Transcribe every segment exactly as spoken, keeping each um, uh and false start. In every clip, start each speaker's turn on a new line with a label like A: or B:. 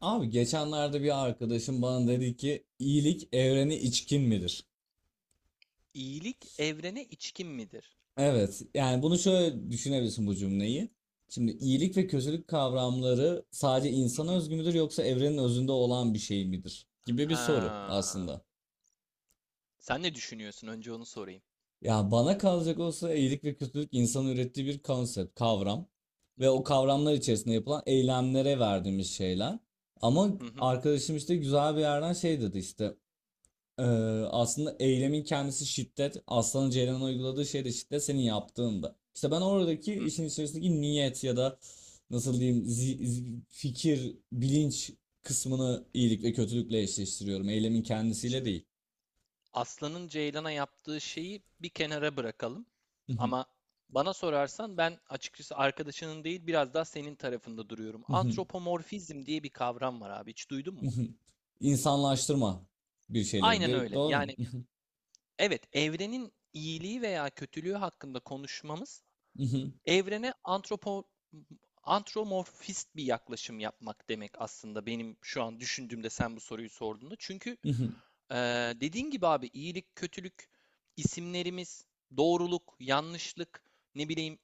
A: Abi geçenlerde bir arkadaşım bana dedi ki, iyilik evreni içkin midir?"
B: İyilik evrene içkin midir?
A: Evet, yani bunu şöyle düşünebilirsin bu cümleyi. Şimdi iyilik ve kötülük kavramları sadece
B: Hı
A: insana
B: hı.
A: özgü müdür, yoksa evrenin özünde olan bir şey midir gibi bir soru
B: Ha.
A: aslında.
B: Sen ne düşünüyorsun? Önce onu sorayım.
A: Ya bana kalacak olsa, iyilik ve kötülük insanın ürettiği bir konsept, kavram
B: Hı hı.
A: ve o kavramlar içerisinde yapılan eylemlere verdiğimiz şeyler. Ama
B: Hı hı,
A: arkadaşım işte güzel bir yerden şey dedi işte. Ee, Aslında eylemin kendisi şiddet. Aslan'ın Ceylan'a uyguladığı şey de şiddet, senin yaptığında. İşte ben oradaki
B: hı hı.
A: işin içerisindeki niyet ya da nasıl diyeyim zi- zi- fikir, bilinç kısmını iyilik ve kötülükle eşleştiriyorum. Eylemin kendisiyle
B: Şimdi
A: değil.
B: aslanın ceylana yaptığı şeyi bir kenara bırakalım. Ama bana sorarsan ben açıkçası arkadaşının değil biraz daha senin tarafında duruyorum. Antropomorfizm diye bir kavram var abi. Hiç duydun mu?
A: İnsanlaştırma bir
B: Aynen
A: şeyleridir.
B: öyle.
A: Doğru mu?
B: Yani evet evrenin iyiliği veya kötülüğü hakkında konuşmamız evrene antropo antromorfist bir yaklaşım yapmak demek, aslında benim şu an düşündüğümde sen bu soruyu sorduğunda. Çünkü e, dediğin gibi abi iyilik, kötülük, isimlerimiz, doğruluk, yanlışlık, ne bileyim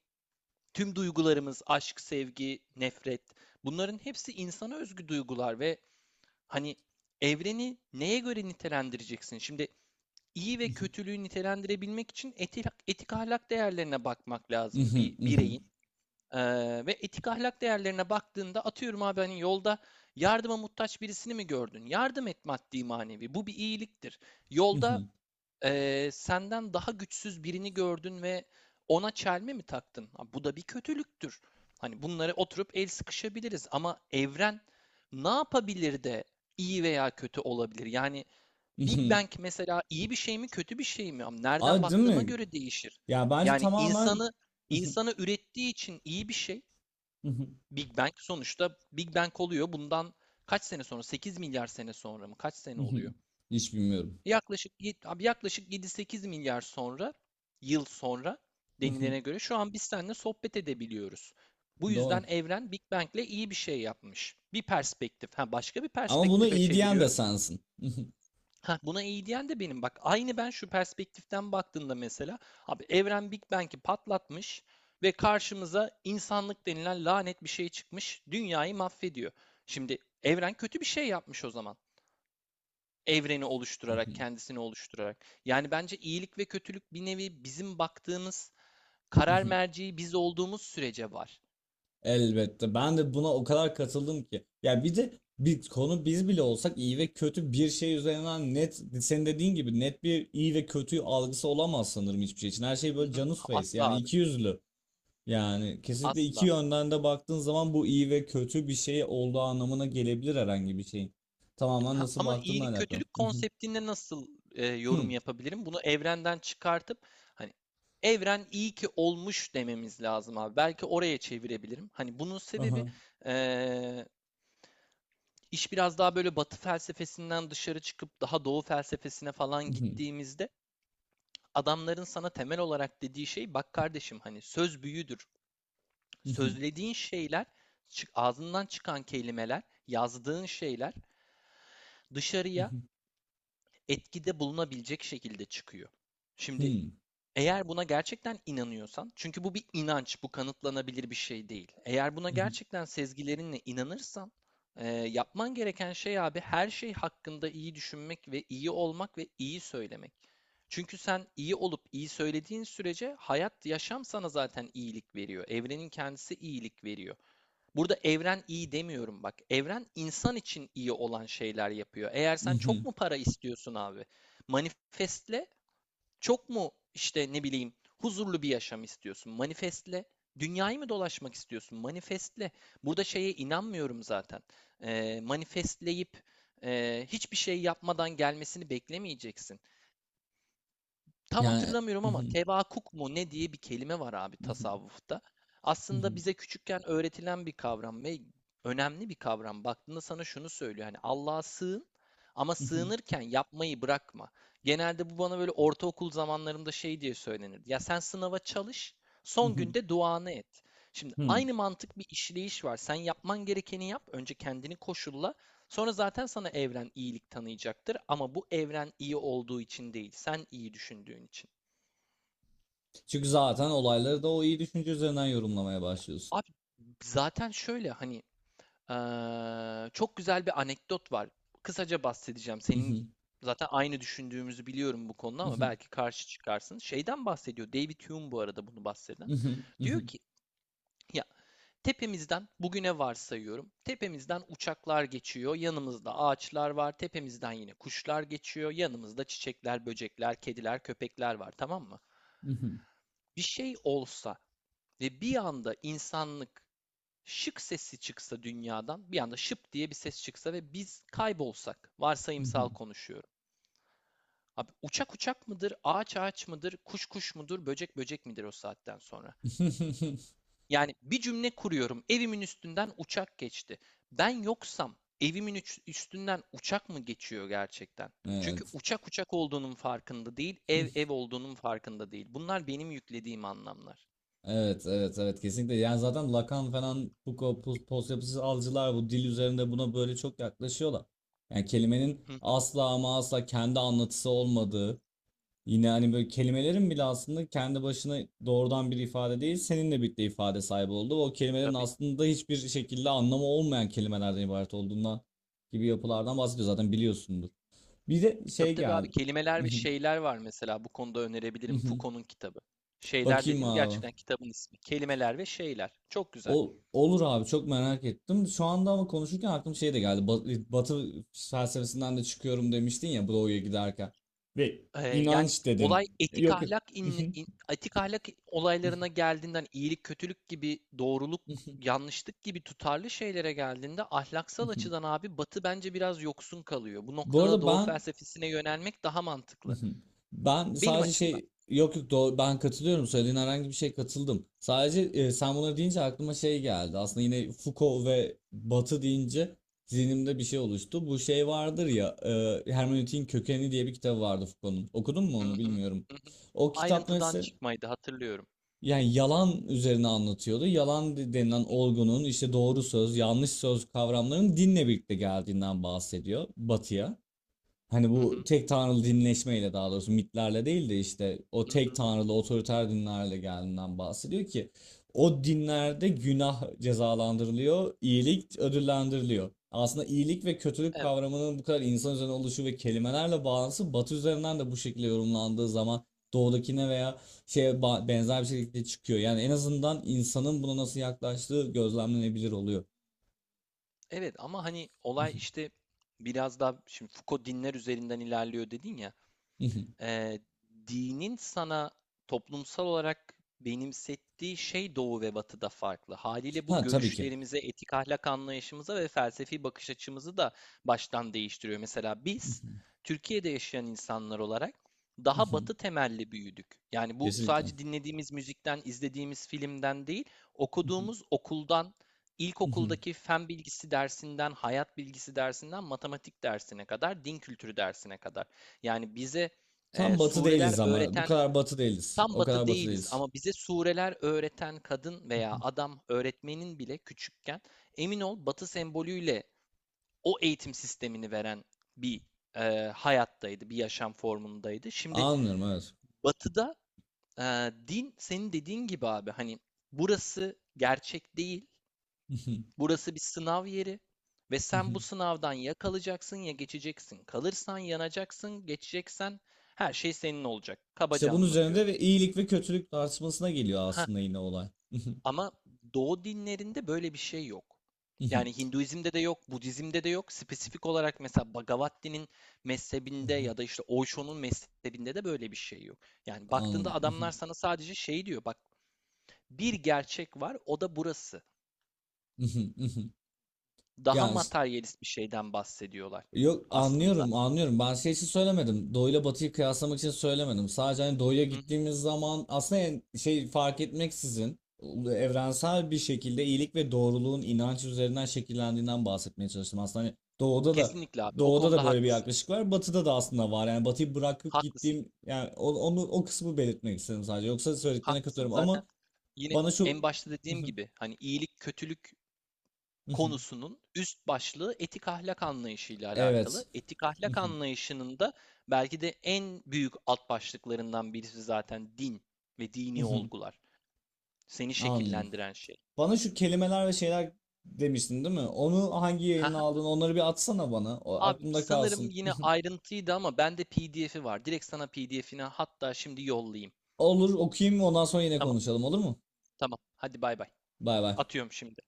B: tüm duygularımız, aşk, sevgi, nefret, bunların hepsi insana özgü duygular. Ve hani evreni neye göre nitelendireceksin? Şimdi iyi ve kötülüğü nitelendirebilmek için etik, etik ahlak değerlerine bakmak lazım bir bireyin. Ee, ve etik ahlak değerlerine baktığında atıyorum abi, hani yolda yardıma muhtaç birisini mi gördün? Yardım et, maddi manevi. Bu bir iyiliktir. Yolda ee, senden daha güçsüz birini gördün ve ona çelme mi taktın? Ha, bu da bir kötülüktür. Hani bunları oturup el sıkışabiliriz ama evren ne yapabilir de iyi veya kötü olabilir? Yani Big Bang mesela iyi bir şey mi, kötü bir şey mi? Ama nereden
A: Abi, değil
B: baktığıma
A: mi?
B: göre değişir.
A: Ya bence
B: Yani
A: tamamen
B: insanı insanı ürettiği için iyi bir şey. Big Bang sonuçta Big Bang oluyor. Bundan kaç sene sonra? sekiz milyar sene sonra mı? Kaç sene oluyor?
A: hiç bilmiyorum.
B: Yaklaşık abi, yaklaşık yedi sekiz milyar sonra, yıl sonra denilene göre şu an biz seninle sohbet edebiliyoruz. Bu
A: Doğru.
B: yüzden evren Big Bang'le iyi bir şey yapmış. Bir perspektif, ha başka bir
A: Ama bunu
B: perspektife
A: iyi diyen de
B: çeviriyorum.
A: sensin.
B: Heh, buna iyi diyen de benim. Bak aynı ben şu perspektiften baktığında mesela abi, evren Big Bang'i patlatmış ve karşımıza insanlık denilen lanet bir şey çıkmış. Dünyayı mahvediyor. Şimdi evren kötü bir şey yapmış o zaman. Evreni oluşturarak, kendisini oluşturarak. Yani bence iyilik ve kötülük, bir nevi bizim baktığımız karar merceği biz olduğumuz sürece var.
A: Elbette. Ben de buna o kadar katıldım ki. Ya bir de bir konu, biz bile olsak iyi ve kötü bir şey üzerinden net, senin dediğin gibi net bir iyi ve kötü algısı olamaz sanırım hiçbir şey için. Her şey
B: Hı
A: böyle
B: hı.
A: canus face,
B: Asla
A: yani
B: abi.
A: iki yüzlü. Yani kesinlikle iki
B: Asla.
A: yönden de baktığın zaman bu iyi ve kötü bir şey olduğu anlamına gelebilir herhangi bir şeyin. Tamamen
B: Ha,
A: nasıl
B: ama
A: baktığınla
B: iyilik
A: alakalı.
B: kötülük konseptinde nasıl e, yorum yapabilirim? Bunu evrenden çıkartıp hani evren iyi ki olmuş dememiz lazım abi. Belki oraya çevirebilirim. Hani bunun sebebi e, iş biraz daha böyle Batı felsefesinden dışarı çıkıp daha Doğu felsefesine falan gittiğimizde, adamların sana temel olarak dediği şey, bak kardeşim hani söz büyüdür. Sözlediğin şeyler, çık- ağzından çıkan kelimeler, yazdığın şeyler dışarıya etkide bulunabilecek şekilde çıkıyor. Şimdi eğer buna gerçekten inanıyorsan, çünkü bu bir inanç, bu kanıtlanabilir bir şey değil. Eğer buna gerçekten sezgilerinle inanırsan, e, yapman gereken şey abi, her şey hakkında iyi düşünmek ve iyi olmak ve iyi söylemek. Çünkü sen iyi olup iyi söylediğin sürece hayat, yaşam sana zaten iyilik veriyor. Evrenin kendisi iyilik veriyor. Burada evren iyi demiyorum, bak. Evren insan için iyi olan şeyler yapıyor. Eğer sen çok
A: Mhm.
B: mu para istiyorsun abi? Manifestle. Çok mu işte ne bileyim huzurlu bir yaşam istiyorsun? Manifestle. Dünyayı mı dolaşmak istiyorsun? Manifestle. Burada şeye inanmıyorum zaten. Ee, manifestleyip e, hiçbir şey yapmadan gelmesini beklemeyeceksin. Tam
A: Yani
B: hatırlamıyorum ama
A: mhm,
B: tevakuk mu ne diye bir kelime var abi
A: mhm,
B: tasavvufta. Aslında
A: mhm,
B: bize küçükken öğretilen bir kavram ve önemli bir kavram. Baktığında sana şunu söylüyor. Hani Allah'a sığın ama
A: mhm,
B: sığınırken yapmayı bırakma. Genelde bu bana böyle ortaokul zamanlarımda şey diye söylenirdi. Ya sen sınava çalış, son
A: mhm,
B: günde duanı et. Şimdi
A: mhm.
B: aynı mantık bir işleyiş var. Sen yapman gerekeni yap, önce kendini koşulla. Sonra zaten sana evren iyilik tanıyacaktır ama bu evren iyi olduğu için değil, sen iyi düşündüğün için.
A: Çünkü zaten olayları da o iyi düşünce üzerinden yorumlamaya başlıyorsun.
B: Abi zaten şöyle, hani eee, çok güzel bir anekdot var. Kısaca bahsedeceğim. Senin
A: Mhm,
B: zaten aynı düşündüğümüzü biliyorum bu konuda ama
A: mhm,
B: belki karşı çıkarsın. Şeyden bahsediyor. David Hume bu arada bunu bahseden.
A: mhm,
B: Diyor
A: mhm,
B: ki ya, tepemizden, bugüne varsayıyorum, tepemizden uçaklar geçiyor, yanımızda ağaçlar var, tepemizden yine kuşlar geçiyor, yanımızda çiçekler, böcekler, kediler, köpekler var, tamam mı?
A: mhm,
B: Bir şey olsa ve bir anda insanlık şık sesi çıksa dünyadan, bir anda şıp diye bir ses çıksa ve biz kaybolsak, varsayımsal
A: mhm.
B: konuşuyorum. Abi uçak uçak mıdır, ağaç ağaç mıdır, kuş kuş mudur, böcek böcek midir o saatten sonra? Yani bir cümle kuruyorum. Evimin üstünden uçak geçti. Ben yoksam evimin üstünden uçak mı geçiyor gerçekten? Çünkü
A: Evet.
B: uçak uçak olduğunun farkında değil, ev ev olduğunun farkında değil. Bunlar benim yüklediğim anlamlar.
A: Evet, evet, evet, kesinlikle. Yani zaten Lacan falan, Foucault, post, post algıcılar bu dil üzerinde buna böyle çok yaklaşıyorlar. Yani kelimenin
B: Hı hı,
A: asla ama asla kendi anlatısı olmadığı. Yine hani böyle kelimelerin bile aslında kendi başına doğrudan bir ifade değil, seninle birlikte ifade sahibi oldu. Ve o kelimelerin
B: tabii.
A: aslında hiçbir şekilde anlamı olmayan kelimelerden ibaret olduğundan gibi yapılardan bahsediyor, zaten biliyorsundur. Bir de
B: Tabii
A: şey
B: tabii abi,
A: geldi.
B: kelimeler ve şeyler var mesela, bu konuda önerebilirim, Foucault'un kitabı. Şeyler
A: Bakayım
B: dediğim
A: abi.
B: gerçekten kitabın ismi. Kelimeler ve şeyler. Çok güzel.
A: Ol- olur abi, çok merak ettim. Şu anda ama konuşurken aklıma şey de geldi. Ba- Batı felsefesinden de çıkıyorum demiştin ya Doğu'ya giderken. Ve
B: Eee, yani
A: inanç
B: olay,
A: dedin.
B: etik
A: Yok yok.
B: ahlak in in etik ahlak olaylarına geldiğinden, iyilik kötülük gibi, doğruluk yanlışlık gibi tutarlı şeylere geldiğinde, ahlaksal açıdan abi, Batı bence biraz yoksun kalıyor. Bu
A: Bu
B: noktada
A: arada
B: Doğu
A: ben
B: felsefesine yönelmek daha
A: hı
B: mantıklı.
A: hı. Ben
B: Benim
A: sadece
B: açımdan.
A: şey, yok yok doğru, ben katılıyorum, söylediğin herhangi bir şey katıldım. Sadece e, sen bunları deyince aklıma şey geldi. Aslında yine Foucault ve Batı deyince zihnimde bir şey oluştu. Bu şey vardır ya, e, Hermeneutiğin Kökeni diye bir kitabı vardı Foucault'un. Okudun mu
B: Hı
A: onu
B: hı.
A: bilmiyorum.
B: Hı hı.
A: O kitap
B: Ayrıntıdan
A: mesela
B: çıkmaydı hatırlıyorum.
A: yani yalan üzerine anlatıyordu. Yalan de- denilen olgunun, işte doğru söz, yanlış söz kavramlarının dinle birlikte geldiğinden bahsediyor Batı'ya. Hani
B: Hı
A: bu
B: hı.
A: tek tanrılı dinleşmeyle, daha doğrusu mitlerle değil de işte o
B: Hı
A: tek
B: hı.
A: tanrılı otoriter dinlerle geldiğinden bahsediyor ki o dinlerde günah cezalandırılıyor, iyilik ödüllendiriliyor. Aslında iyilik ve kötülük
B: Evet.
A: kavramının bu kadar insan üzerine oluşu ve kelimelerle bağlantısı Batı üzerinden de bu şekilde yorumlandığı zaman doğudakine veya şeye ba- benzer bir şekilde çıkıyor. Yani en azından insanın buna nasıl yaklaştığı gözlemlenebilir oluyor.
B: Evet ama, hani, olay, işte, biraz daha şimdi Foucault dinler üzerinden ilerliyor dedin ya. Eee, dinin sana toplumsal olarak benimsettiği şey Doğu ve Batı'da farklı. Haliyle bu
A: Ha, tabii ki.
B: görüşlerimize, etik ahlak anlayışımıza ve felsefi bakış açımızı da baştan değiştiriyor. Mesela biz Türkiye'de yaşayan insanlar olarak daha Batı temelli büyüdük. Yani bu
A: Kesinlikle.
B: sadece dinlediğimiz müzikten, izlediğimiz filmden değil, okuduğumuz okuldan,
A: Hı hı.
B: ilkokuldaki fen bilgisi dersinden, hayat bilgisi dersinden, matematik dersine kadar, din kültürü dersine kadar. Yani bize ee,
A: Tam batı
B: sureler
A: değiliz ama. Bu
B: öğreten,
A: kadar batı değiliz.
B: tam
A: O
B: batı
A: kadar batı
B: değiliz
A: değiliz.
B: ama bize sureler öğreten kadın
A: Hı
B: veya
A: hı.
B: adam öğretmenin bile küçükken emin ol batı sembolüyle o eğitim sistemini veren bir e, hayattaydı, bir yaşam formundaydı. Şimdi
A: Anlıyorum, evet.
B: batıda e, din senin dediğin gibi abi, hani burası gerçek değil,
A: Hı hı.
B: burası bir sınav yeri ve
A: Hı
B: sen
A: hı.
B: bu sınavdan ya kalacaksın ya geçeceksin. Kalırsan yanacaksın, geçeceksen her şey senin olacak.
A: İşte
B: Kabaca
A: bunun üzerinde
B: anlatıyorum.
A: ve iyilik ve kötülük tartışmasına geliyor
B: Ha,
A: aslında yine olay. Hı hı.
B: ama Doğu dinlerinde böyle bir şey yok.
A: Hı hı.
B: Yani Hinduizm'de de yok, Budizm'de de yok. Spesifik olarak mesela Bhagavad Gita'nın
A: Hı
B: mezhebinde
A: hı.
B: ya da işte Osho'nun mezhebinde de böyle bir şey yok. Yani baktığında
A: Anladım. Hı hı.
B: adamlar sana sadece şey diyor. Bak bir gerçek var, o da burası.
A: Hı hı. Hı hı.
B: Daha
A: Yani işte,
B: materyalist bir şeyden bahsediyorlar
A: yok
B: aslında.
A: anlıyorum anlıyorum. Ben şey için söylemedim. Doğuyla batıyı kıyaslamak için söylemedim. Sadece hani doğuya
B: Hı hı.
A: gittiğimiz zaman aslında yani şey fark etmeksizin evrensel bir şekilde iyilik ve doğruluğun inanç üzerinden şekillendiğinden bahsetmeye çalıştım. Aslında hani doğuda da
B: Kesinlikle abi. O
A: doğuda da
B: konuda
A: böyle bir
B: haklısın.
A: yaklaşık var. Batıda da aslında var. Yani batıyı bırakıp
B: Haklısın.
A: gittiğim yani o- onu o kısmı belirtmek istedim sadece. Yoksa söylediklerine
B: Haklısın.
A: katılıyorum
B: Zaten
A: ama
B: yine
A: bana şu
B: en başta dediğim gibi, hani iyilik, kötülük konusunun üst başlığı etik ahlak anlayışıyla
A: evet.
B: alakalı. Etik ahlak anlayışının da belki de en büyük alt başlıklarından birisi zaten din ve dini olgular. Seni
A: Anladım.
B: şekillendiren şey.
A: Bana şu kelimeler ve şeyler demiştin değil mi? Onu hangi yayınla
B: Haha.
A: aldın? Onları bir atsana bana. O
B: Abi
A: aklımda
B: sanırım
A: kalsın.
B: yine ayrıntıydı ama bende P D F'i var. Direkt sana P D F'ini hatta şimdi yollayayım.
A: Olur, okuyayım, ondan sonra yine
B: Tamam?
A: konuşalım, olur mu?
B: Tamam. Hadi bay bay.
A: Bay bay.
B: Atıyorum şimdi.